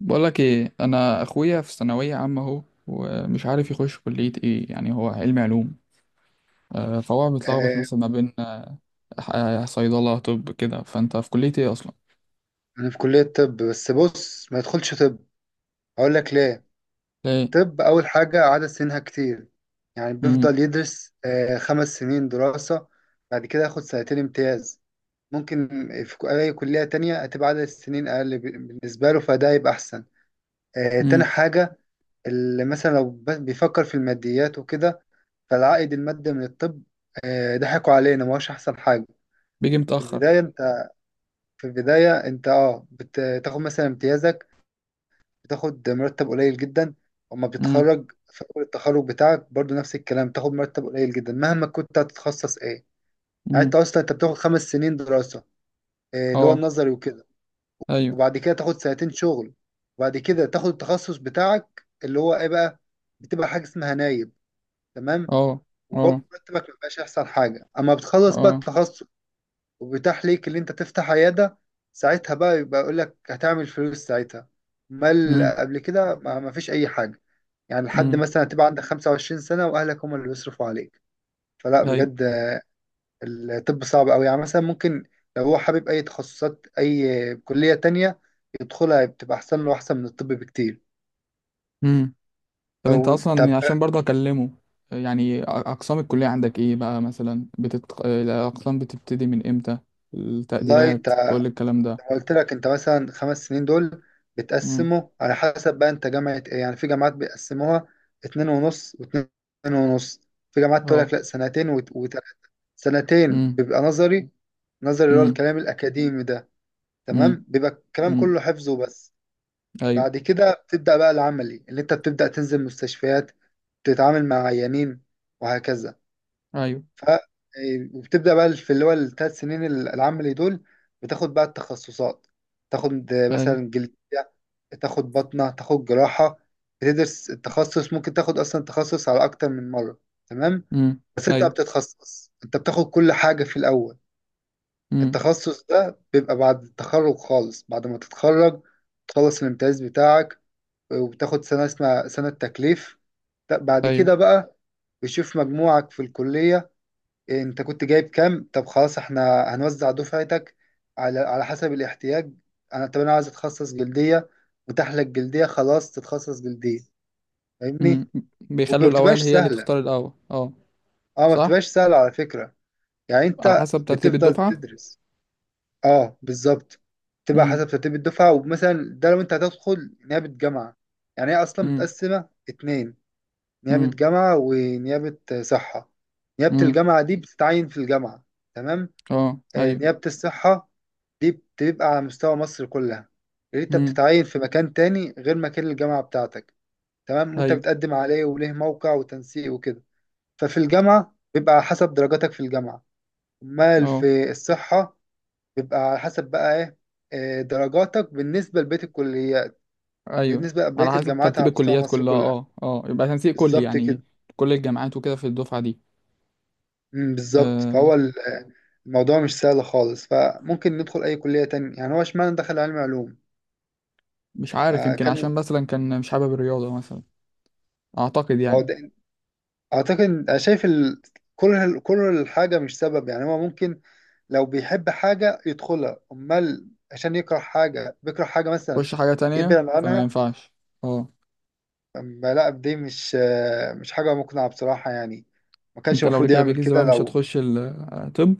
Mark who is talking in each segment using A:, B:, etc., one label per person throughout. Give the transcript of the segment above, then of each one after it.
A: بقولك ايه، انا اخويا في ثانويه عامه اهو، ومش عارف يخش كليه ايه. يعني هو علمي علوم. فهو متلخبط
B: آه،
A: مثلا ما بين صيدله طب كده. فانت في كليه ايه اصلا؟
B: انا في كلية طب، بس بص، ما يدخلش طب. اقول لك ليه.
A: ليه؟
B: طب، اول حاجة عدد سنينها كتير، يعني
A: امم.
B: بيفضل يدرس خمس سنين دراسة. بعد كده ياخد سنتين امتياز. ممكن في اي كلية تانية هتبقى عدد السنين اقل، بالنسبة له، فده يبقى احسن. تاني
A: امم.
B: حاجة، اللي مثلا لو بيفكر في الماديات وكده، فالعائد المادي من الطب، ضحكوا علينا، ما هوش احسن حاجة.
A: بيجي
B: في
A: متاخر.
B: البداية انت في البداية انت بتاخد مثلا امتيازك، بتاخد مرتب قليل جدا. اما
A: امم.
B: بتتخرج في اول التخرج بتاعك، برضو نفس الكلام، بتاخد مرتب قليل جدا مهما كنت هتتخصص ايه. يعني انت
A: امم.
B: اصلا انت بتاخد خمس سنين دراسة، اللي هو
A: اه.
B: النظري وكده.
A: ايوه.
B: وبعد كده تاخد سنتين شغل، وبعد كده تاخد التخصص بتاعك اللي هو ايه بقى. بتبقى حاجة اسمها نايب، تمام.
A: اه. اه.
B: وبرضه مرتبك مبيبقاش احسن حاجة. اما بتخلص بقى
A: اه.
B: التخصص وبيتاح ليك اللي انت تفتح عيادة، ساعتها بقى يبقى يقول لك هتعمل فلوس ساعتها. امال
A: امم.
B: قبل كده ما ما فيش اي حاجة. يعني لحد
A: امم.
B: مثلا تبقى عندك 25 سنة وأهلك هم اللي بيصرفوا عليك. فلا،
A: ايوه.
B: بجد الطب صعب أوي. يعني مثلا ممكن لو هو حابب أي تخصصات، أي كلية تانية يدخلها، بتبقى أحسن له، أحسن من الطب بكتير.
A: امم. طب انت
B: أو
A: اصلا،
B: طب.
A: يعني عشان برضه اكلمه. يعني، اقسام الكليه عندك ايه بقى؟ مثلا الاقسام بتبتدي من امتى؟
B: والله
A: التقديرات، كل الكلام ده.
B: قلت لك أنت مثلا خمس سنين دول
A: امم.
B: بتقسمه على حسب بقى أنت جامعة إيه. يعني في جامعات بيقسموها اتنين ونص واتنين ونص، في جامعات تقول
A: اه.
B: لك لا، سنتين وتلات. سنتين
A: امم.
B: بيبقى نظري. نظري اللي هو
A: امم.
B: الكلام الأكاديمي ده،
A: امم.
B: تمام، بيبقى الكلام
A: امم.
B: كله حفظ وبس.
A: ايوه.
B: بعد كده بتبدأ بقى العملي، اللي انت بتبدأ تنزل مستشفيات، تتعامل مع عيانين، وهكذا.
A: ايوه.
B: ف وبتبدأ بقى في اللي هو الثلاث سنين العملي دول، بتاخد بقى التخصصات. تاخد
A: ايوه.
B: مثلا جلدية، تاخد بطنة، تاخد جراحة. بتدرس التخصص، ممكن تاخد أصلا تخصص على أكتر من مرة، تمام.
A: امم.
B: بس انت
A: ايوه.
B: بتتخصص، انت بتاخد كل حاجة في الأول.
A: امم.
B: التخصص ده بيبقى بعد التخرج خالص، بعد ما تتخرج تخلص الامتياز بتاعك. وبتاخد سنة اسمها سنة تكليف. بعد
A: ايوه.
B: كده بقى بيشوف مجموعك في الكلية. انت كنت جايب كام طب، خلاص احنا هنوزع دفعتك على حسب الاحتياج. انا طب، انا عايز اتخصص جلدية، متاح لك جلدية، خلاص تتخصص جلدية. فاهمني.
A: امم.
B: وما
A: بيخلوا
B: بتبقاش
A: الاوائل هي اللي
B: سهلة،
A: تختار الاول، اه.
B: اه، ما
A: صح.
B: بتبقاش سهلة على فكرة. يعني
A: على
B: انت
A: حسب ترتيب
B: بتفضل
A: الدفعه.
B: تدرس. اه، بالظبط، تبقى
A: امم.
B: حسب ترتيب الدفعة. ومثلا ده لو انت هتدخل نيابة جامعة، يعني هي اصلا
A: امم.
B: متقسمة اتنين: نيابة
A: امم.
B: جامعة ونيابة صحة. نيابة
A: امم.
B: الجامعة دي بتتعين في الجامعة، تمام.
A: اه. ايوه.
B: نيابة الصحة دي بتبقى على مستوى مصر كلها، اللي انت
A: امم.
B: بتتعين في مكان تاني غير مكان الجامعة بتاعتك، تمام. وانت
A: ايوه.
B: بتقدم عليه وليه موقع وتنسيق وكده. ففي الجامعة بيبقى على حسب درجاتك في الجامعة. امال
A: اه.
B: في الصحة بيبقى على حسب بقى ايه، درجاتك بالنسبة لبقية الكليات،
A: ايوه.
B: بالنسبة لبقية
A: على حسب
B: الجامعات
A: ترتيب
B: على مستوى
A: الكليات
B: مصر
A: كلها،
B: كلها.
A: اه اه، يبقى تنسيق كلي
B: بالظبط
A: يعني.
B: كده.
A: كل الجامعات وكده في الدفعه دي.
B: بالظبط. فهو
A: آه
B: الموضوع مش سهل خالص. فممكن ندخل أي كلية تانية. يعني هو اشمعنى دخل علم علوم.
A: مش عارف، يمكن
B: كان.
A: عشان مثلا كان مش حابب الرياضه مثلا. اعتقد
B: هو
A: يعني.
B: ده- أعتقد، أنا شايف كل الحاجة مش سبب. يعني هو ممكن لو بيحب حاجة يدخلها. أمال عشان يكره حاجة بيكره حاجة مثلا
A: خش حاجه تانية
B: يبعد
A: فما
B: عنها.
A: ينفعش. اه.
B: أما لا، دي مش حاجة مقنعة بصراحة يعني. ما كانش
A: انت لو
B: المفروض
A: رجع
B: يعمل
A: بيك
B: كده.
A: زمان، مش
B: لو
A: هتخش طب؟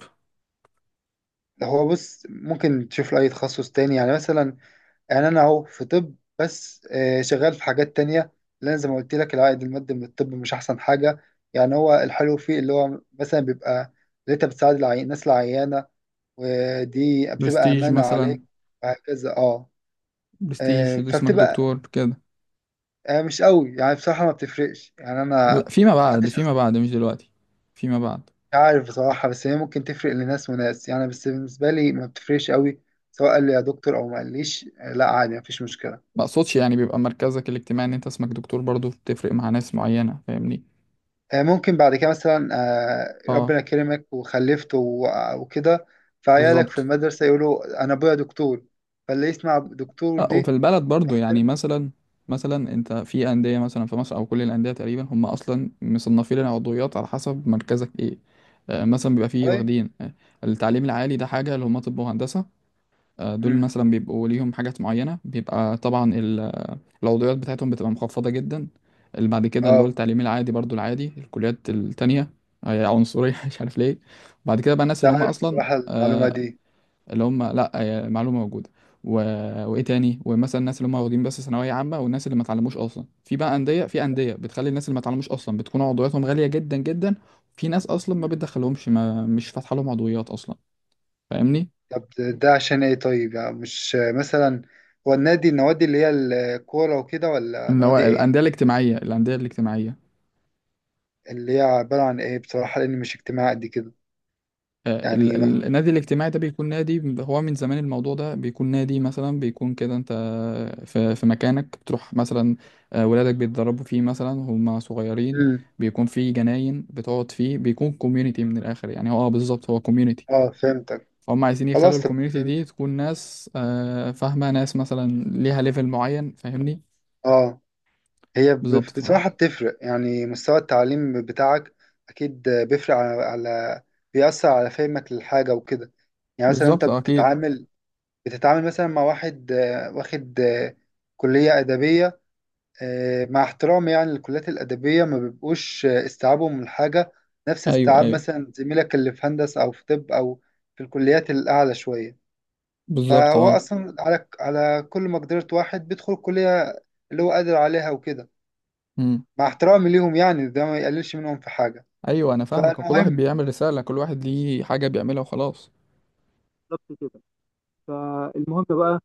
B: لو هو بص، ممكن تشوف له أي تخصص تاني يعني مثلا. يعني أنا أهو في طب، بس شغال في حاجات تانية. لأن زي ما قلت لك، العائد المادي من الطب مش أحسن حاجة. يعني هو الحلو فيه اللي هو مثلا بيبقى اللي أنت بتساعد الناس العيانة، ودي بتبقى
A: برستيج
B: أمانة
A: مثلا.
B: عليك، وهكذا، أه.
A: برستيج، ده اسمك
B: فبتبقى
A: دكتور كده.
B: مش قوي يعني، بصراحة ما بتفرقش يعني.
A: لا،
B: أنا
A: فيما بعد
B: محدش،
A: فيما بعد، مش دلوقتي. فيما بعد.
B: مش عارف بصراحة. بس هي ممكن تفرق لناس وناس يعني، بس بالنسبة لي ما بتفرقش قوي. سواء قال لي يا دكتور أو ما قاليش، لا، عادي، مفيش مشكلة.
A: ما اقصدش، يعني بيبقى مركزك الاجتماعي ان انت اسمك دكتور برضو، بتفرق مع ناس معينة، فاهمني؟
B: ممكن بعد كده مثلا،
A: اه،
B: ربنا كرمك وخلفت وكده، فعيالك في
A: بالظبط.
B: المدرسة يقولوا أنا أبويا دكتور، فاللي يسمع دكتور
A: اه، وفي
B: دي
A: البلد برضو يعني،
B: يحترمه.
A: مثلا. مثلا انت في اندية، مثلا في مصر او كل الاندية تقريبا، هم اصلا مصنفين العضويات على حسب مركزك ايه. مثلا بيبقى فيه
B: طيب.
A: واخدين، التعليم العالي ده حاجة، اللي هم طب وهندسة. دول
B: أمم.
A: مثلا بيبقوا ليهم حاجات معينة، بيبقى طبعا العضويات بتاعتهم بتبقى مخفضة جدا. اللي بعد كده اللي هو
B: اه،
A: التعليم العادي، برضو العادي، الكليات التانية. هي عنصرية مش عارف ليه. بعد كده بقى
B: مش
A: الناس اللي هم
B: عارف
A: أصلا،
B: بصراحة المعلومة
A: آه،
B: دي.
A: اللي هم، لأ هي معلومة موجودة. و... وإيه تاني، ومثلا الناس اللي هم واخدين بس ثانوية عامة، والناس اللي ما اتعلموش أصلا، في بقى أندية، في أندية بتخلي الناس اللي ما اتعلموش أصلا بتكون عضوياتهم غالية جدا جدا. في ناس أصلا ما
B: مم.
A: بتدخلهمش، ما مش فاتحة لهم عضويات أصلا. فاهمني؟
B: طب ده عشان ايه طيب، يعني مش مثلا هو النوادي اللي هي الكورة وكده ولا
A: اللي هو
B: نوادي
A: الأندية
B: ايه؟
A: الاجتماعية، الأندية الاجتماعية.
B: اللي هي عبارة عن إيه بصراحة، لأني مش اجتماعي قد كده. يعني ما...
A: النادي الاجتماعي ده بيكون نادي، هو من زمان الموضوع ده، بيكون نادي مثلا، بيكون كده انت في مكانك بتروح مثلا. ولادك بيتدربوا فيه مثلا هم صغيرين.
B: مم.
A: بيكون فيه جناين بتقعد فيه، بيكون كوميونيتي من الاخر يعني، هو اه بالظبط، هو كوميونيتي.
B: آه، فهمتك.
A: فهم عايزين يخلوا
B: خلاص، طب
A: الكوميونيتي
B: فهمت.
A: دي تكون ناس فاهمة، ناس مثلا ليها ليفل معين، فاهمني؟
B: آه. هي
A: بالظبط،
B: بصراحة بتفرق، يعني مستوى التعليم بتاعك أكيد بيفرق، على... على بيأثر على فهمك للحاجة وكده. يعني مثلا أنت
A: بالظبط اكيد.
B: بتتعامل مثلا مع واحد واخد كلية أدبية، مع احترامي يعني للكليات الأدبية، ما بيبقوش استيعابهم من الحاجة نفس
A: ايوه
B: استيعاب
A: ايوه.
B: مثلا زميلك اللي في هندسة أو في طب أو في الكليات الأعلى شوية.
A: بالظبط،
B: فهو
A: اه.
B: اصلا على كل مقدرة واحد بيدخل الكلية اللي هو قادر عليها وكده.
A: مم.
B: مع احترامي ليهم يعني، ده ما يقللش منهم في حاجة.
A: ايوه، انا فاهمك، كل واحد
B: فالمهم،
A: بيعمل رسالة، كل واحد ليه حاجة بيعملها وخلاص.
B: بالظبط كده. فالمهم بقى،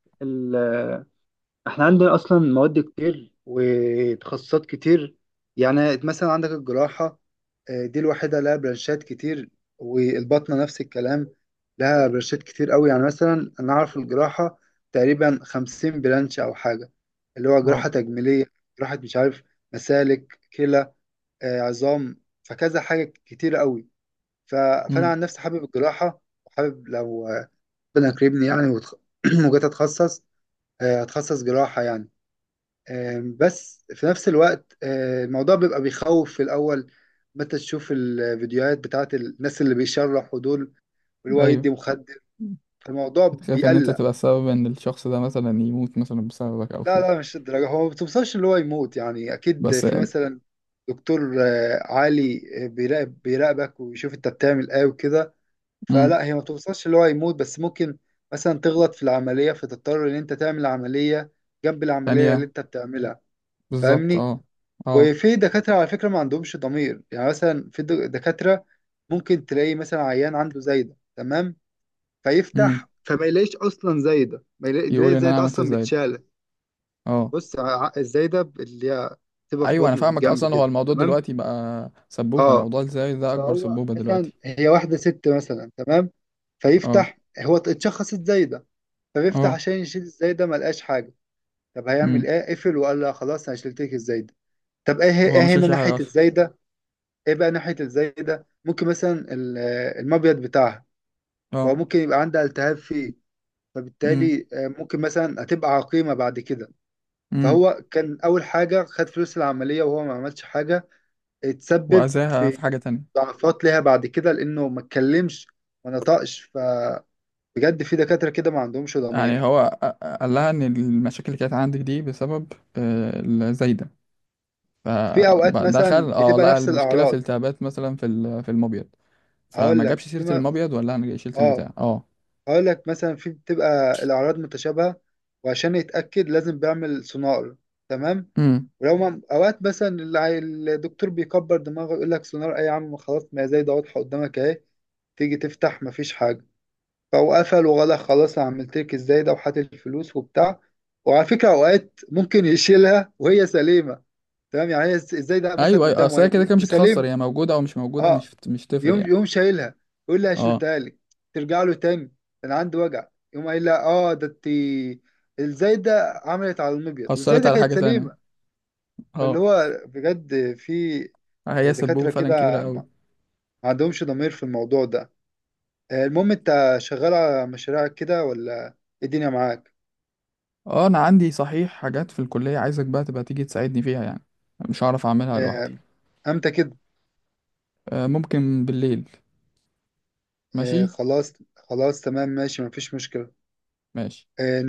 B: احنا عندنا اصلا مواد كتير وتخصصات كتير. يعني مثلا عندك الجراحة، دي الوحيدة لها برانشات كتير. والباطنة نفس الكلام، لها برانشات كتير قوي. يعني مثلا انا اعرف الجراحة تقريبا خمسين برانش او حاجة، اللي هو
A: اه.
B: جراحة تجميلية، جراحة مش عارف، مسالك، كلى، عظام، فكذا حاجة كتير قوي. ف- فانا
A: امم.
B: عن نفسي حابب الجراحة، وحابب لو ربنا يكرمني يعني، وجيت اتخصص جراحة يعني. بس في نفس الوقت الموضوع بيبقى بيخوف في الأول، متى تشوف الفيديوهات بتاعت الناس اللي بيشرحوا دول، واللي هو
A: ايوه.
B: يدي مخدر، الموضوع
A: بتخاف ان انت
B: بيقلق.
A: تبقى سبب ان الشخص ده مثلا يموت، مثلا بسببك او
B: لا
A: كده؟
B: لا، مش الدرجة. هو ما بتوصلش اللي هو يموت يعني، أكيد
A: بس.
B: في مثلا دكتور عالي بيراقبك ويشوف أنت بتعمل إيه وكده.
A: امم.
B: فلا، هي ما بتوصلش اللي هو يموت، بس ممكن مثلا تغلط في العملية، فتضطر إن أنت تعمل عملية جنب العملية اللي
A: ثانية.
B: أنت بتعملها.
A: بالظبط،
B: فاهمني؟
A: اه. اه.
B: وفي دكاترة على فكرة ما عندهمش ضمير. يعني مثلا في دكاترة ممكن تلاقي مثلا عيان عنده زايدة، تمام.
A: امم.
B: فيفتح، فما يلاقيش أصلا زايدة، ما يلاقي
A: يقول
B: يلاقي
A: ان انا
B: الزايدة
A: عملت
B: أصلا
A: ازاي؟
B: متشالة.
A: اه.
B: بص، الزايدة اللي هي بتبقى في
A: ايوه، انا
B: بطنه في
A: فاهمك،
B: الجنب
A: اصلا هو
B: كده،
A: الموضوع
B: تمام.
A: دلوقتي بقى سبوبة،
B: اه،
A: موضوع ازاي ده اكبر
B: فهو
A: سبوبة
B: مثلا
A: دلوقتي.
B: هي واحدة ست مثلا، تمام.
A: اه.
B: فيفتح، هو اتشخصت زايدة، فبيفتح
A: اه.
B: عشان يشيل الزايدة، ما لقاش حاجة. طب هيعمل
A: امم.
B: ايه؟ قفل وقال لها خلاص انا شلت لك الزايدة. طب ايه
A: هو
B: ايه
A: مش
B: هنا
A: شايل حاجة
B: ناحية
A: اصلا.
B: الزايدة؟ ايه بقى ناحية الزي ده؟ ممكن مثلا المبيض بتاعها،
A: اه.
B: فممكن يبقى عندها التهاب فيه،
A: امم.
B: فبالتالي ممكن مثلا هتبقى عقيمة بعد كده.
A: امم.
B: فهو كان أول حاجة خد فلوس العملية وهو ما عملش حاجة، اتسبب
A: واذاها في
B: في
A: حاجة تانية.
B: ضعفات ليها بعد كده لأنه ما اتكلمش، ما نطقش. فبجد في دكاترة كده ما عندهمش
A: يعني
B: ضمير.
A: هو قال لها ان المشاكل اللي كانت عندك دي بسبب، الزايدة.
B: في أوقات مثلا
A: فدخل،
B: بتبقى
A: لقى
B: نفس
A: المشكله في
B: الأعراض،
A: التهابات مثلا في المبيض. فما
B: هقول
A: جابش
B: لك في
A: سيره
B: م...
A: المبيض، ولا انا جاي شلت
B: اه
A: البتاع، اه.
B: هقول لك مثلا، في بتبقى الأعراض متشابهة، وعشان يتأكد لازم بيعمل سونار، تمام.
A: امم.
B: ولو ما أوقات مثلا الدكتور بيكبر دماغه، يقول لك سونار أي يا عم، خلاص ما هي زي ده واضحة قدامك أهي. تيجي تفتح، مفيش حاجة. فهو قفل وغلق، خلاص أنا عملت لك إزاي ده، وحات الفلوس وبتاع. وعلى فكرة أوقات ممكن يشيلها وهي سليمة، تمام. يعني هي إزاي ده مثلا،
A: ايوه ايوه،
B: قدامه
A: اصل
B: أهي
A: هي كده كده مش هتخسر،
B: وسليم.
A: هي موجوده او مش موجوده،
B: أه،
A: مش تفرق
B: يوم
A: يعني.
B: يوم شايلها، يقول لي
A: اه.
B: شلتها لك. ترجع له تاني، انا عندي وجع، يقوم قايل لها اه ده انت الزايده عملت على المبيض،
A: اثرت
B: والزايده
A: على
B: كانت
A: حاجه تانية.
B: سليمه. فاللي
A: اه.
B: هو بجد، في
A: هي سبوبه
B: دكاتره
A: فعلا كبيره
B: كده
A: قوي.
B: ما عندهمش ضمير في الموضوع ده. المهم، انت شغال على مشاريعك كده ولا ايه؟ الدنيا معاك.
A: اه، انا عندي صحيح حاجات في الكليه، عايزك بقى تبقى تيجي تساعدني فيها يعني. مش هعرف اعملها لوحدي.
B: آه، امتى كده؟
A: ممكن بالليل. ماشي.
B: خلاص خلاص، تمام، ماشي، مفيش مشكله.
A: ماشي.
B: آه،